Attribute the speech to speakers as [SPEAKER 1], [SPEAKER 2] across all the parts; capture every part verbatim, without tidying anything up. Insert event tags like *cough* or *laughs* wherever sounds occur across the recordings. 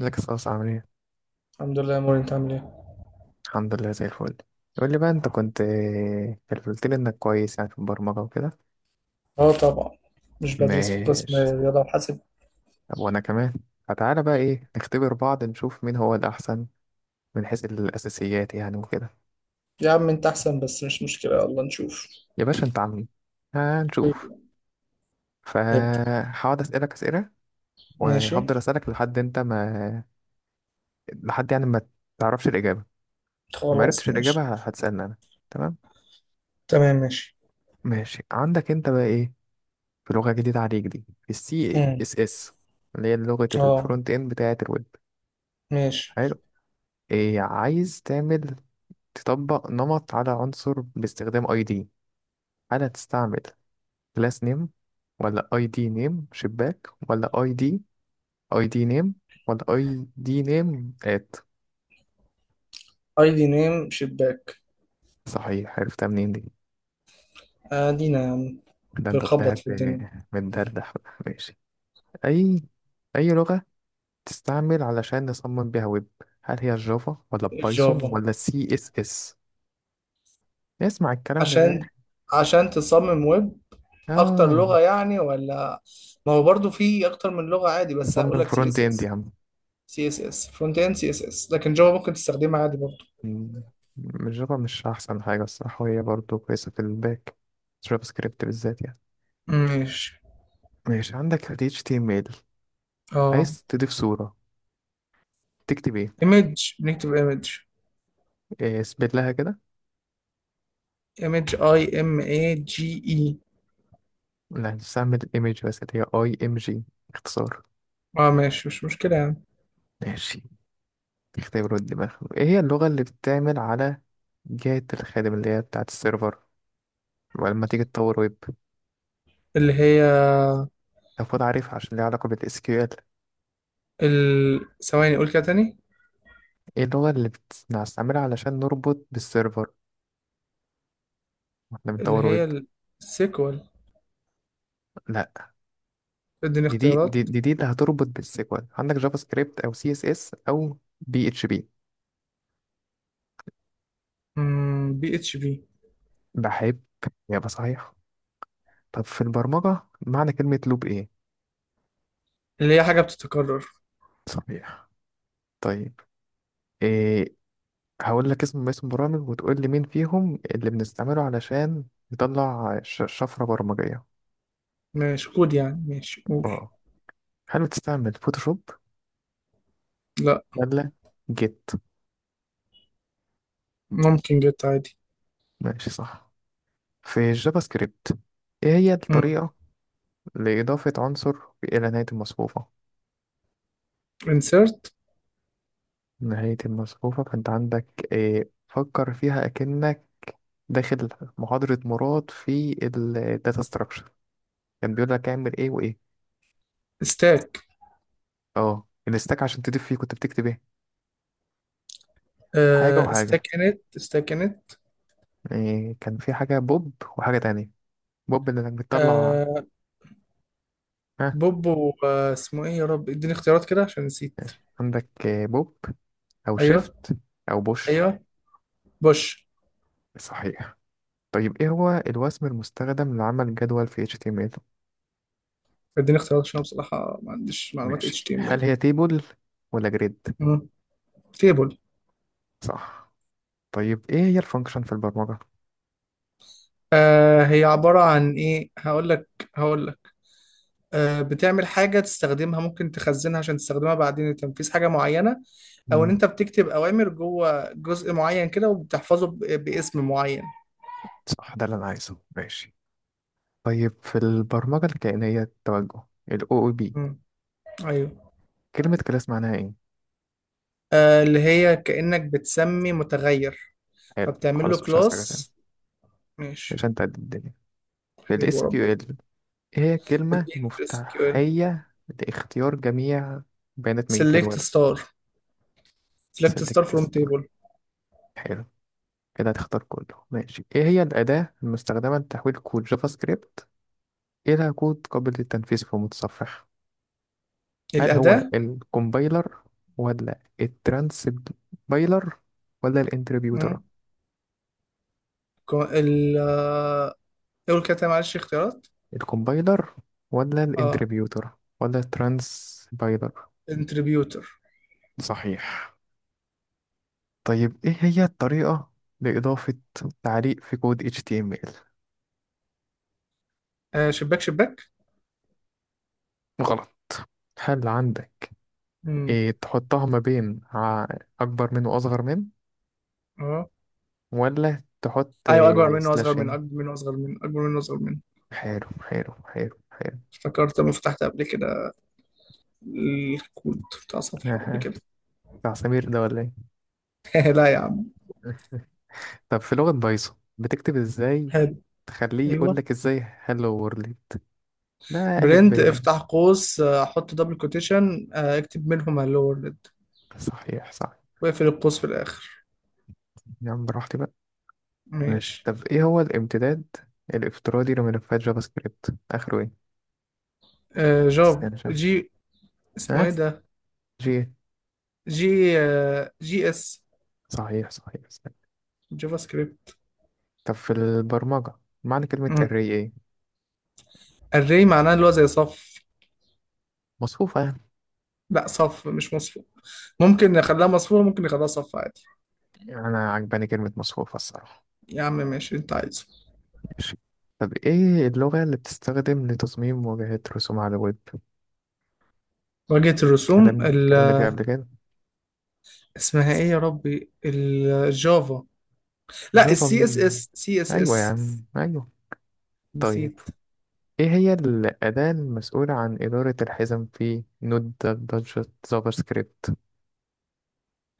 [SPEAKER 1] ازيك يا صاصة عامل ايه؟
[SPEAKER 2] الحمد لله يا موري، انت عامل ايه؟
[SPEAKER 1] الحمد لله زي الفل. يقول لي بقى انت كنت قلت لي انك كويس يعني في البرمجة وكده.
[SPEAKER 2] اه طبعا، مش بدرس في قسم
[SPEAKER 1] ماشي.
[SPEAKER 2] رياضة وحاسب.
[SPEAKER 1] طب وانا كمان، فتعالى بقى ايه نختبر بعض نشوف مين هو الأحسن من حيث الأساسيات يعني وكده.
[SPEAKER 2] يا عم انت احسن، بس مش مشكلة، يلا نشوف.
[SPEAKER 1] يا باشا انت عامل ايه؟ هنشوف.
[SPEAKER 2] حبيبي. ابدأ.
[SPEAKER 1] فهقعد أسألك أسئلة
[SPEAKER 2] ماشي.
[SPEAKER 1] وهفضل أسألك لحد انت ما، لحد يعني ما تعرفش الإجابة. لو ما
[SPEAKER 2] خلاص
[SPEAKER 1] عرفتش
[SPEAKER 2] ماشي.
[SPEAKER 1] الإجابة هتسألني أنا، تمام؟
[SPEAKER 2] تمام ماشي.
[SPEAKER 1] ماشي، عندك انت بقى ايه، في لغة جديدة عليك دي، في السي
[SPEAKER 2] امم
[SPEAKER 1] اس اس، اللي هي لغة
[SPEAKER 2] اه
[SPEAKER 1] الفرونت اند بتاعة الويب.
[SPEAKER 2] ماشي.
[SPEAKER 1] حلو. إيه عايز تعمل، تطبق نمط على عنصر باستخدام اي دي، هل هتستعمل كلاس نيم، ولا اي دي نيم شباك، ولا اي دي، اي دي نيم، ولا اي دي نيم ات؟
[SPEAKER 2] اي دي نيم شباك.
[SPEAKER 1] صحيح، عرفتها منين دي؟
[SPEAKER 2] ادينا يا عم.
[SPEAKER 1] ده انت
[SPEAKER 2] بنخبط في
[SPEAKER 1] طلعت
[SPEAKER 2] الدنيا.
[SPEAKER 1] آه، متدردح بقى. ماشي. اي اي لغة تستعمل علشان نصمم بيها ويب، هل هي الجافا ولا بايثون
[SPEAKER 2] جافا.
[SPEAKER 1] ولا سي اس اس؟ نسمع الكلام ده ده.
[SPEAKER 2] عشان عشان تصمم ويب، اكتر
[SPEAKER 1] اه،
[SPEAKER 2] لغة يعني، ولا ما هو برضو في اكتر من لغة عادي؟ بس هقول
[SPEAKER 1] نصمم
[SPEAKER 2] لك سي
[SPEAKER 1] فرونت
[SPEAKER 2] اس
[SPEAKER 1] اند يا
[SPEAKER 2] اس
[SPEAKER 1] عم.
[SPEAKER 2] سي اس اس فرونت اند، سي اس اس، لكن جافا ممكن تستخدمها عادي برضو.
[SPEAKER 1] مم. الجافا مش احسن حاجه الصراحه، وهي برضه كويسه في الباك، جافا سكريبت بالذات يعني.
[SPEAKER 2] ماشي.
[SPEAKER 1] ماشي، عندك ال إتش تي إم إل،
[SPEAKER 2] اه
[SPEAKER 1] عايز تضيف صوره، تكتب ايه؟
[SPEAKER 2] ايمج، بنكتب ايمج.
[SPEAKER 1] إيه، اثبت لها كده.
[SPEAKER 2] ايمج اي ام اي جي اي.
[SPEAKER 1] لا، تستعمل الايمج بس اللي هي اي ام جي، اختصار.
[SPEAKER 2] اه ماشي، مش مشكلة يعني.
[SPEAKER 1] ماشي. اختبروا الدماغ، ايه هي اللغه اللي بتعمل على جهه الخادم اللي هي بتاعه السيرفر، ولما تيجي تطور ويب
[SPEAKER 2] اللي هي
[SPEAKER 1] المفروض عارفها عشان ليها علاقه بالاس كيو ال.
[SPEAKER 2] ال... ثواني، قول كده تاني.
[SPEAKER 1] ايه اللغة اللي بنستعملها علشان نربط بالسيرفر واحنا
[SPEAKER 2] اللي
[SPEAKER 1] بنطور ويب؟
[SPEAKER 2] هي السيكوال.
[SPEAKER 1] لا،
[SPEAKER 2] اديني
[SPEAKER 1] دي دي دي
[SPEAKER 2] اختيارات.
[SPEAKER 1] دي, دي اللي هتربط بالسيكوال، عندك جافا سكريبت او سي اس اس او بي اتش بي.
[SPEAKER 2] بي اتش بي.
[SPEAKER 1] بحب، يبقى صحيح. طب في البرمجة معنى كلمة لوب ايه؟
[SPEAKER 2] اللي هي حاجة بتتكرر.
[SPEAKER 1] صحيح. طيب إيه، هقول لك اسم اسم برامج وتقول لي مين فيهم اللي بنستعمله علشان نطلع ش- شفرة برمجية.
[SPEAKER 2] ماشي، كود يعني، ماشي قول.
[SPEAKER 1] اه، هل بتستعمل فوتوشوب
[SPEAKER 2] لا،
[SPEAKER 1] ولا جيت؟
[SPEAKER 2] ممكن جت عادي.
[SPEAKER 1] ماشي، صح. في الجافا سكريبت، ايه هي
[SPEAKER 2] مم.
[SPEAKER 1] الطريقة لإضافة عنصر إلى نهاية المصفوفة؟
[SPEAKER 2] insert.
[SPEAKER 1] نهاية المصفوفة، فأنت عندك إيه، فكر فيها أكنك داخل محاضرة مراد في الداتا ستراكشر، كان بيقول لك اعمل إيه وإيه.
[SPEAKER 2] stack.
[SPEAKER 1] أه، الستاك، عشان تضيف فيه كنت بتكتب إيه؟ حاجة
[SPEAKER 2] آه
[SPEAKER 1] وحاجة،
[SPEAKER 2] stack init stack init.
[SPEAKER 1] إيه كان في حاجة بوب وحاجة تانية، بوب اللي إنك بتطلع.
[SPEAKER 2] آه
[SPEAKER 1] ها،
[SPEAKER 2] بوبو، آه اسمه ايه يا رب، اديني اختيارات كده عشان نسيت.
[SPEAKER 1] عندك إيه، بوب أو
[SPEAKER 2] ايوه،
[SPEAKER 1] شيفت أو بوش؟
[SPEAKER 2] ايوه، بوش.
[SPEAKER 1] صحيح. طيب إيه هو الوسم المستخدم لعمل جدول في H T M L؟
[SPEAKER 2] اديني اختيارات عشان أنا بصراحة ما عنديش معلومات
[SPEAKER 1] ماشي، هل
[SPEAKER 2] اتش تي ام ال.
[SPEAKER 1] هي تيبل ولا جريد؟
[SPEAKER 2] مم. تيبل.
[SPEAKER 1] صح. طيب ايه هي الفانكشن في البرمجة؟
[SPEAKER 2] آه هي عبارة عن ايه، هقول لك، هقول لك آه بتعمل حاجة تستخدمها، ممكن تخزنها عشان تستخدمها بعدين لتنفيذ حاجة معينة. او ان
[SPEAKER 1] مم.
[SPEAKER 2] انت بتكتب اوامر جوه جزء معين كده، وبتحفظه ب- باسم معين.
[SPEAKER 1] صح، ده اللي انا عايزه. ماشي. طيب في البرمجة الكائنية التوجه، ال أو أو بي،
[SPEAKER 2] مم. ايوه.
[SPEAKER 1] كلمة كلاس معناها ايه؟
[SPEAKER 2] آه اللي هي كأنك بتسمي متغير،
[SPEAKER 1] حلو،
[SPEAKER 2] فبتعمل له
[SPEAKER 1] خلاص مش هسألك تاني،
[SPEAKER 2] كلاس. ماشي.
[SPEAKER 1] عشان تعدي الدنيا. في ال
[SPEAKER 2] حبيبي وربنا.
[SPEAKER 1] إس كيو إل، ايه هي الكلمة
[SPEAKER 2] اديني في اس كيو ال.
[SPEAKER 1] المفتاحية لاختيار جميع بيانات من الجدول؟
[SPEAKER 2] سيلكت ستار. سيلكت ستار
[SPEAKER 1] select
[SPEAKER 2] فروم
[SPEAKER 1] this.
[SPEAKER 2] تيبل.
[SPEAKER 1] حلو، كده هتختار كله. ماشي، ايه هي الأداة المستخدمة لتحويل كود جافا سكريبت إلى كود قابل للتنفيذ في المتصفح، هل هو
[SPEAKER 2] الأداة.
[SPEAKER 1] الكومبايلر ولا الترانسبايلر ولا الانتربيوتر؟
[SPEAKER 2] مم. كو- ال آه، قول كده تاني، معلش اختيارات.
[SPEAKER 1] الكومبايلر ولا
[SPEAKER 2] اه
[SPEAKER 1] الانتربيوتر ولا الترانسبايلر؟
[SPEAKER 2] انتربيوتر.
[SPEAKER 1] صحيح. طيب ايه هي الطريقة لإضافة تعليق في كود إتش تي إم إل؟
[SPEAKER 2] آه شباك شباك.
[SPEAKER 1] غلط. هل عندك
[SPEAKER 2] امم
[SPEAKER 1] إيه، تحطها ما بين ع- أكبر من وأصغر من،
[SPEAKER 2] اه
[SPEAKER 1] ولا تحط
[SPEAKER 2] ايوه، اكبر منه واصغر منه،
[SPEAKER 1] سلاشين؟
[SPEAKER 2] اكبر منه واصغر منه، اكبر منه واصغر منه.
[SPEAKER 1] حلو، حلو، حلو، حلو.
[SPEAKER 2] افتكرت لما فتحت قبل كده الكود بتاع صفحة قبل
[SPEAKER 1] أها،
[SPEAKER 2] كده.
[SPEAKER 1] بتاع سمير ده ولا؟
[SPEAKER 2] *laughs* لا يا عم.
[SPEAKER 1] ايه *laughs* طب في لغة بايثون بتكتب ازاي
[SPEAKER 2] حلو.
[SPEAKER 1] تخليه يقول
[SPEAKER 2] ايوه.
[SPEAKER 1] لك ازاي هلو وورلد، ده ألف ب
[SPEAKER 2] برنت،
[SPEAKER 1] يعني.
[SPEAKER 2] افتح قوس، آه، حط دبل كوتيشن، آه، اكتب منهما اللورد،
[SPEAKER 1] صحيح، صح،
[SPEAKER 2] واقفل القوس في الاخر.
[SPEAKER 1] يا عم براحتي بقى. ماشي.
[SPEAKER 2] ماشي.
[SPEAKER 1] طب ايه هو الامتداد الافتراضي لملفات جافا سكريبت، اخره ايه؟
[SPEAKER 2] آه جافا
[SPEAKER 1] استنى شوف.
[SPEAKER 2] جي، اسمه
[SPEAKER 1] ها،
[SPEAKER 2] ايه ده،
[SPEAKER 1] جي إيه؟
[SPEAKER 2] جي آه، جي اس.
[SPEAKER 1] صحيح صحيح، استنى.
[SPEAKER 2] جافا سكريبت.
[SPEAKER 1] طب في البرمجة معنى كلمة array ايه؟
[SPEAKER 2] الري معناه اللي هو زي صف.
[SPEAKER 1] مصفوفة.
[SPEAKER 2] لا صف مش مصفوف، ممكن نخليها مصفوفة، ممكن نخليها صف عادي.
[SPEAKER 1] يعني انا عجباني كلمة مصفوفة الصراحة.
[SPEAKER 2] يا عم ماشي اللي انت عايزه.
[SPEAKER 1] ماشي. طب ايه اللغة اللي بتستخدم لتصميم واجهات رسوم على الويب؟
[SPEAKER 2] واجهة الرسوم
[SPEAKER 1] كلام
[SPEAKER 2] ال...
[SPEAKER 1] كلامنا فيها قبل كده.
[SPEAKER 2] اسمها ايه يا ربي، الجافا. لا
[SPEAKER 1] جافا
[SPEAKER 2] السي اس
[SPEAKER 1] مين؟
[SPEAKER 2] اس، سي اس
[SPEAKER 1] أيوة يا
[SPEAKER 2] اس.
[SPEAKER 1] عم أيوة. طيب
[SPEAKER 2] نسيت.
[SPEAKER 1] إيه هي الأداة المسؤولة عن إدارة الحزم في نود بادجت جافا سكريبت؟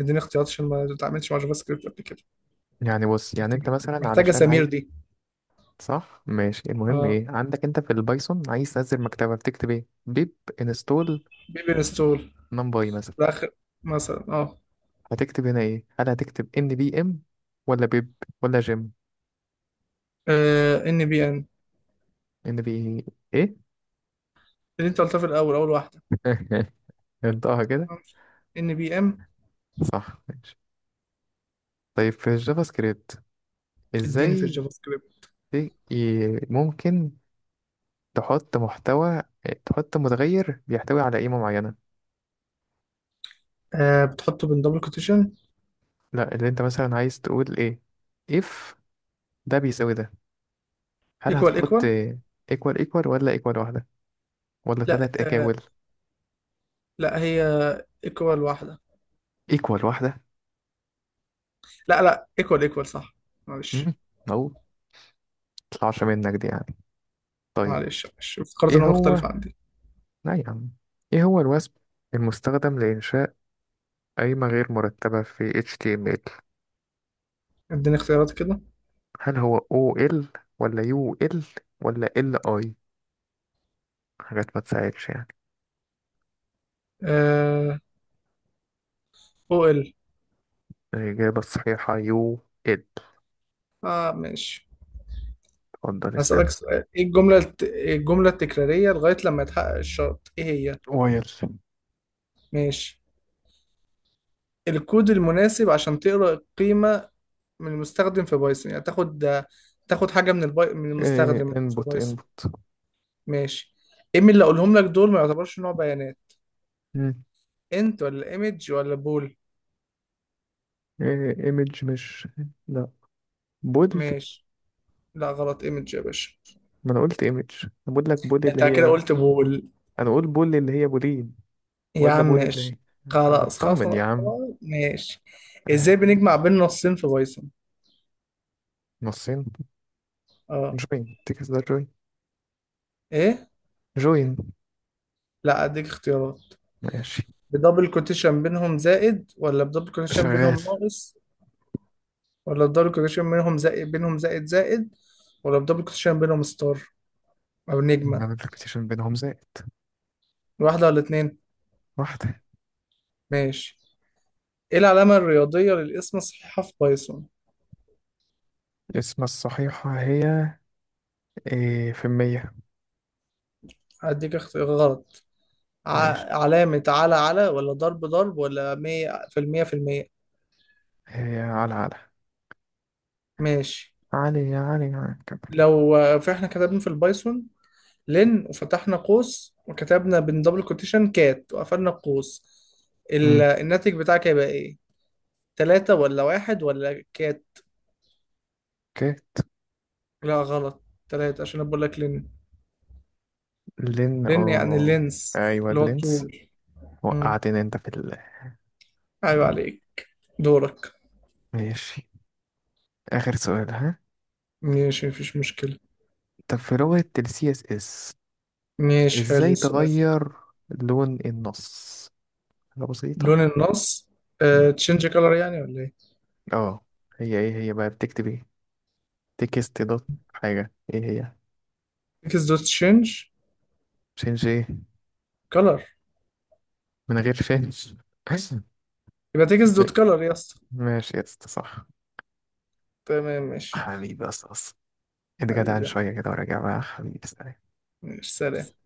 [SPEAKER 2] اديني اختيارات عشان ما اتعاملتش مع جافا سكريبت قبل كده.
[SPEAKER 1] يعني بص، يعني أنت
[SPEAKER 2] محتاجة
[SPEAKER 1] مثلا
[SPEAKER 2] محتاجة
[SPEAKER 1] علشان
[SPEAKER 2] سمير
[SPEAKER 1] عايز.
[SPEAKER 2] دي.
[SPEAKER 1] صح، ماشي. المهم
[SPEAKER 2] اه.
[SPEAKER 1] إيه، عندك أنت في البايثون عايز تنزل مكتبة بتكتب إيه، بيب انستول
[SPEAKER 2] بيبي انستول.
[SPEAKER 1] نمباي مثلا.
[SPEAKER 2] ده اخر مثلا. اه
[SPEAKER 1] هتكتب هنا إيه، هل هتكتب إن بي إم ولا بيب ولا جيم؟
[SPEAKER 2] ان بي ان.
[SPEAKER 1] إن بي إيه
[SPEAKER 2] اللي انت قلتها في الاول، اول واحده.
[SPEAKER 1] *laughs* انطقها كده.
[SPEAKER 2] ان بي ام.
[SPEAKER 1] صح، ماشي. طيب في الجافا سكريبت
[SPEAKER 2] اديني في
[SPEAKER 1] ازاي
[SPEAKER 2] الجافا سكريبت.
[SPEAKER 1] ي- ي- ممكن تحط محتوى، تحط متغير بيحتوي على قيمة معينة؟
[SPEAKER 2] آه بتحطه بين دبل كوتيشن.
[SPEAKER 1] لا، اللي انت مثلا عايز تقول ايه، if ده بيساوي ده، هل
[SPEAKER 2] ايكوال
[SPEAKER 1] هتحط
[SPEAKER 2] ايكوال.
[SPEAKER 1] equal equal ولا equal واحدة ولا
[SPEAKER 2] لا
[SPEAKER 1] ثلاث
[SPEAKER 2] آه
[SPEAKER 1] اكاول؟
[SPEAKER 2] لا هي ايكوال واحدة.
[SPEAKER 1] equal واحدة.
[SPEAKER 2] لا لا ايكوال ايكوال صح.
[SPEAKER 1] مم،
[SPEAKER 2] معلش
[SPEAKER 1] او مطلعش منك دي يعني. طيب
[SPEAKER 2] معلش معلش، افتكرت ان
[SPEAKER 1] ايه
[SPEAKER 2] هو مختلف
[SPEAKER 1] هو،
[SPEAKER 2] عندي.
[SPEAKER 1] لا يا عم، ايه هو الوثب المستخدم لإنشاء قايمة غير مرتبة في HTML؟
[SPEAKER 2] اديني اختيارات كده.
[SPEAKER 1] هل هو OL ولا UL ولا LI؟ حاجات ما تساعدش يعني.
[SPEAKER 2] آه او ال.
[SPEAKER 1] الإجابة الصحيحة يو إد.
[SPEAKER 2] اه ماشي.
[SPEAKER 1] اتفضل اسأل.
[SPEAKER 2] هسألك سؤال، ايه الجملة الت... إيه الجملة التكرارية لغاية لما يتحقق الشرط ايه هي؟
[SPEAKER 1] واير.
[SPEAKER 2] ماشي. الكود المناسب عشان تقرأ القيمة من المستخدم في بايثون، يعني تاخد، تاخد حاجة من البي... من
[SPEAKER 1] إيه،
[SPEAKER 2] المستخدم في
[SPEAKER 1] انبوت
[SPEAKER 2] بايثون.
[SPEAKER 1] انبوت
[SPEAKER 2] ماشي. ايه من اللي اقولهم لك دول ما يعتبرش نوع بيانات؟
[SPEAKER 1] مم.
[SPEAKER 2] انت ولا ايمج ولا بول.
[SPEAKER 1] إيه ايمج مش، لا، بول.
[SPEAKER 2] ماشي. لا غلط، ايمج يا باشا.
[SPEAKER 1] ما انا قلت ايمج، انا بقول لك بول اللي
[SPEAKER 2] انت كده
[SPEAKER 1] هي.
[SPEAKER 2] قلت بول.
[SPEAKER 1] انا اقول بول اللي هي بولين.
[SPEAKER 2] يا
[SPEAKER 1] ولا
[SPEAKER 2] عم
[SPEAKER 1] بول اللي هي،
[SPEAKER 2] ماشي.
[SPEAKER 1] أه،
[SPEAKER 2] خلاص خلاص
[SPEAKER 1] بطمن يا
[SPEAKER 2] خلاص،
[SPEAKER 1] عم.
[SPEAKER 2] ماشي. ازاي
[SPEAKER 1] آه،
[SPEAKER 2] بنجمع بين نصين في بايثون؟
[SPEAKER 1] نصين.
[SPEAKER 2] اه.
[SPEAKER 1] جوين تكس ده جوين،
[SPEAKER 2] ايه.
[SPEAKER 1] جوين.
[SPEAKER 2] لا، اديك اختيارات.
[SPEAKER 1] ماشي،
[SPEAKER 2] بدبل كوتيشن بينهم زائد، ولا بدبل كوتيشن
[SPEAKER 1] شغال.
[SPEAKER 2] بينهم ناقص، ولا بدبل كوتيشن بينهم زائد بينهم زائد زائد، ولا بدبل كوتيشن بينهم ستار او نجمة.
[SPEAKER 1] عدد البيتيشن بينهم زائد.
[SPEAKER 2] واحدة ولا اتنين؟
[SPEAKER 1] واحدة.
[SPEAKER 2] ماشي. ايه العلامة الرياضية للاسم الصحيحة في بايثون؟
[SPEAKER 1] اسم الصحيحة هي إيه، في المية؟
[SPEAKER 2] هديك اختيار غلط.
[SPEAKER 1] ماشي،
[SPEAKER 2] ع- علامة على على، ولا ضرب ضرب، ولا مية في المية في المية.
[SPEAKER 1] هي على على.
[SPEAKER 2] ماشي.
[SPEAKER 1] علي يا علي يا كمل.
[SPEAKER 2] لو آه، فإحنا كتبنا في البايثون لن، وفتحنا قوس وكتبنا بين دبل كوتيشن كات وقفلنا القوس، ال-
[SPEAKER 1] امم
[SPEAKER 2] الناتج بتاعك هيبقى إيه؟ تلاتة ولا واحد ولا كات؟
[SPEAKER 1] اوكي.
[SPEAKER 2] لا غلط. تلاتة، عشان أنا بقول لك لن.
[SPEAKER 1] لين
[SPEAKER 2] لن يعني
[SPEAKER 1] اوه.
[SPEAKER 2] اللينس،
[SPEAKER 1] ايوه
[SPEAKER 2] اللي هو
[SPEAKER 1] لينس.
[SPEAKER 2] الطول. مم.
[SPEAKER 1] وقعتني انت في ال.
[SPEAKER 2] أيوة عليك دورك.
[SPEAKER 1] ماشي، اخر سؤال ها.
[SPEAKER 2] ماشي مفيش مشكلة.
[SPEAKER 1] طب في لغة ال C S S،
[SPEAKER 2] ماشي حلو
[SPEAKER 1] ازاي
[SPEAKER 2] السؤال.
[SPEAKER 1] تغير لون النص؟ حاجة بسيطة.
[SPEAKER 2] لون النص،
[SPEAKER 1] مم.
[SPEAKER 2] آه، تشينج كلر يعني، ولا إيه؟
[SPEAKER 1] اه. هي ايه هي بقى بتكتب ايه، تكست دوت حاجة، ايه هي؟
[SPEAKER 2] تكس دوت تشينج
[SPEAKER 1] شينج ايه،
[SPEAKER 2] كلر.
[SPEAKER 1] من غير شينج؟
[SPEAKER 2] يبقى تكس دوت
[SPEAKER 1] *laughs*
[SPEAKER 2] كلر يا اسطى.
[SPEAKER 1] ماشي يا اسطى، صح.
[SPEAKER 2] تمام ماشي.
[SPEAKER 1] حبيبي يا اسطى أصلاً. اتجدعن
[SPEAKER 2] حبيبي.
[SPEAKER 1] شوية كده وراجع بقى، حبيبي سلام.
[SPEAKER 2] ماشي سلام.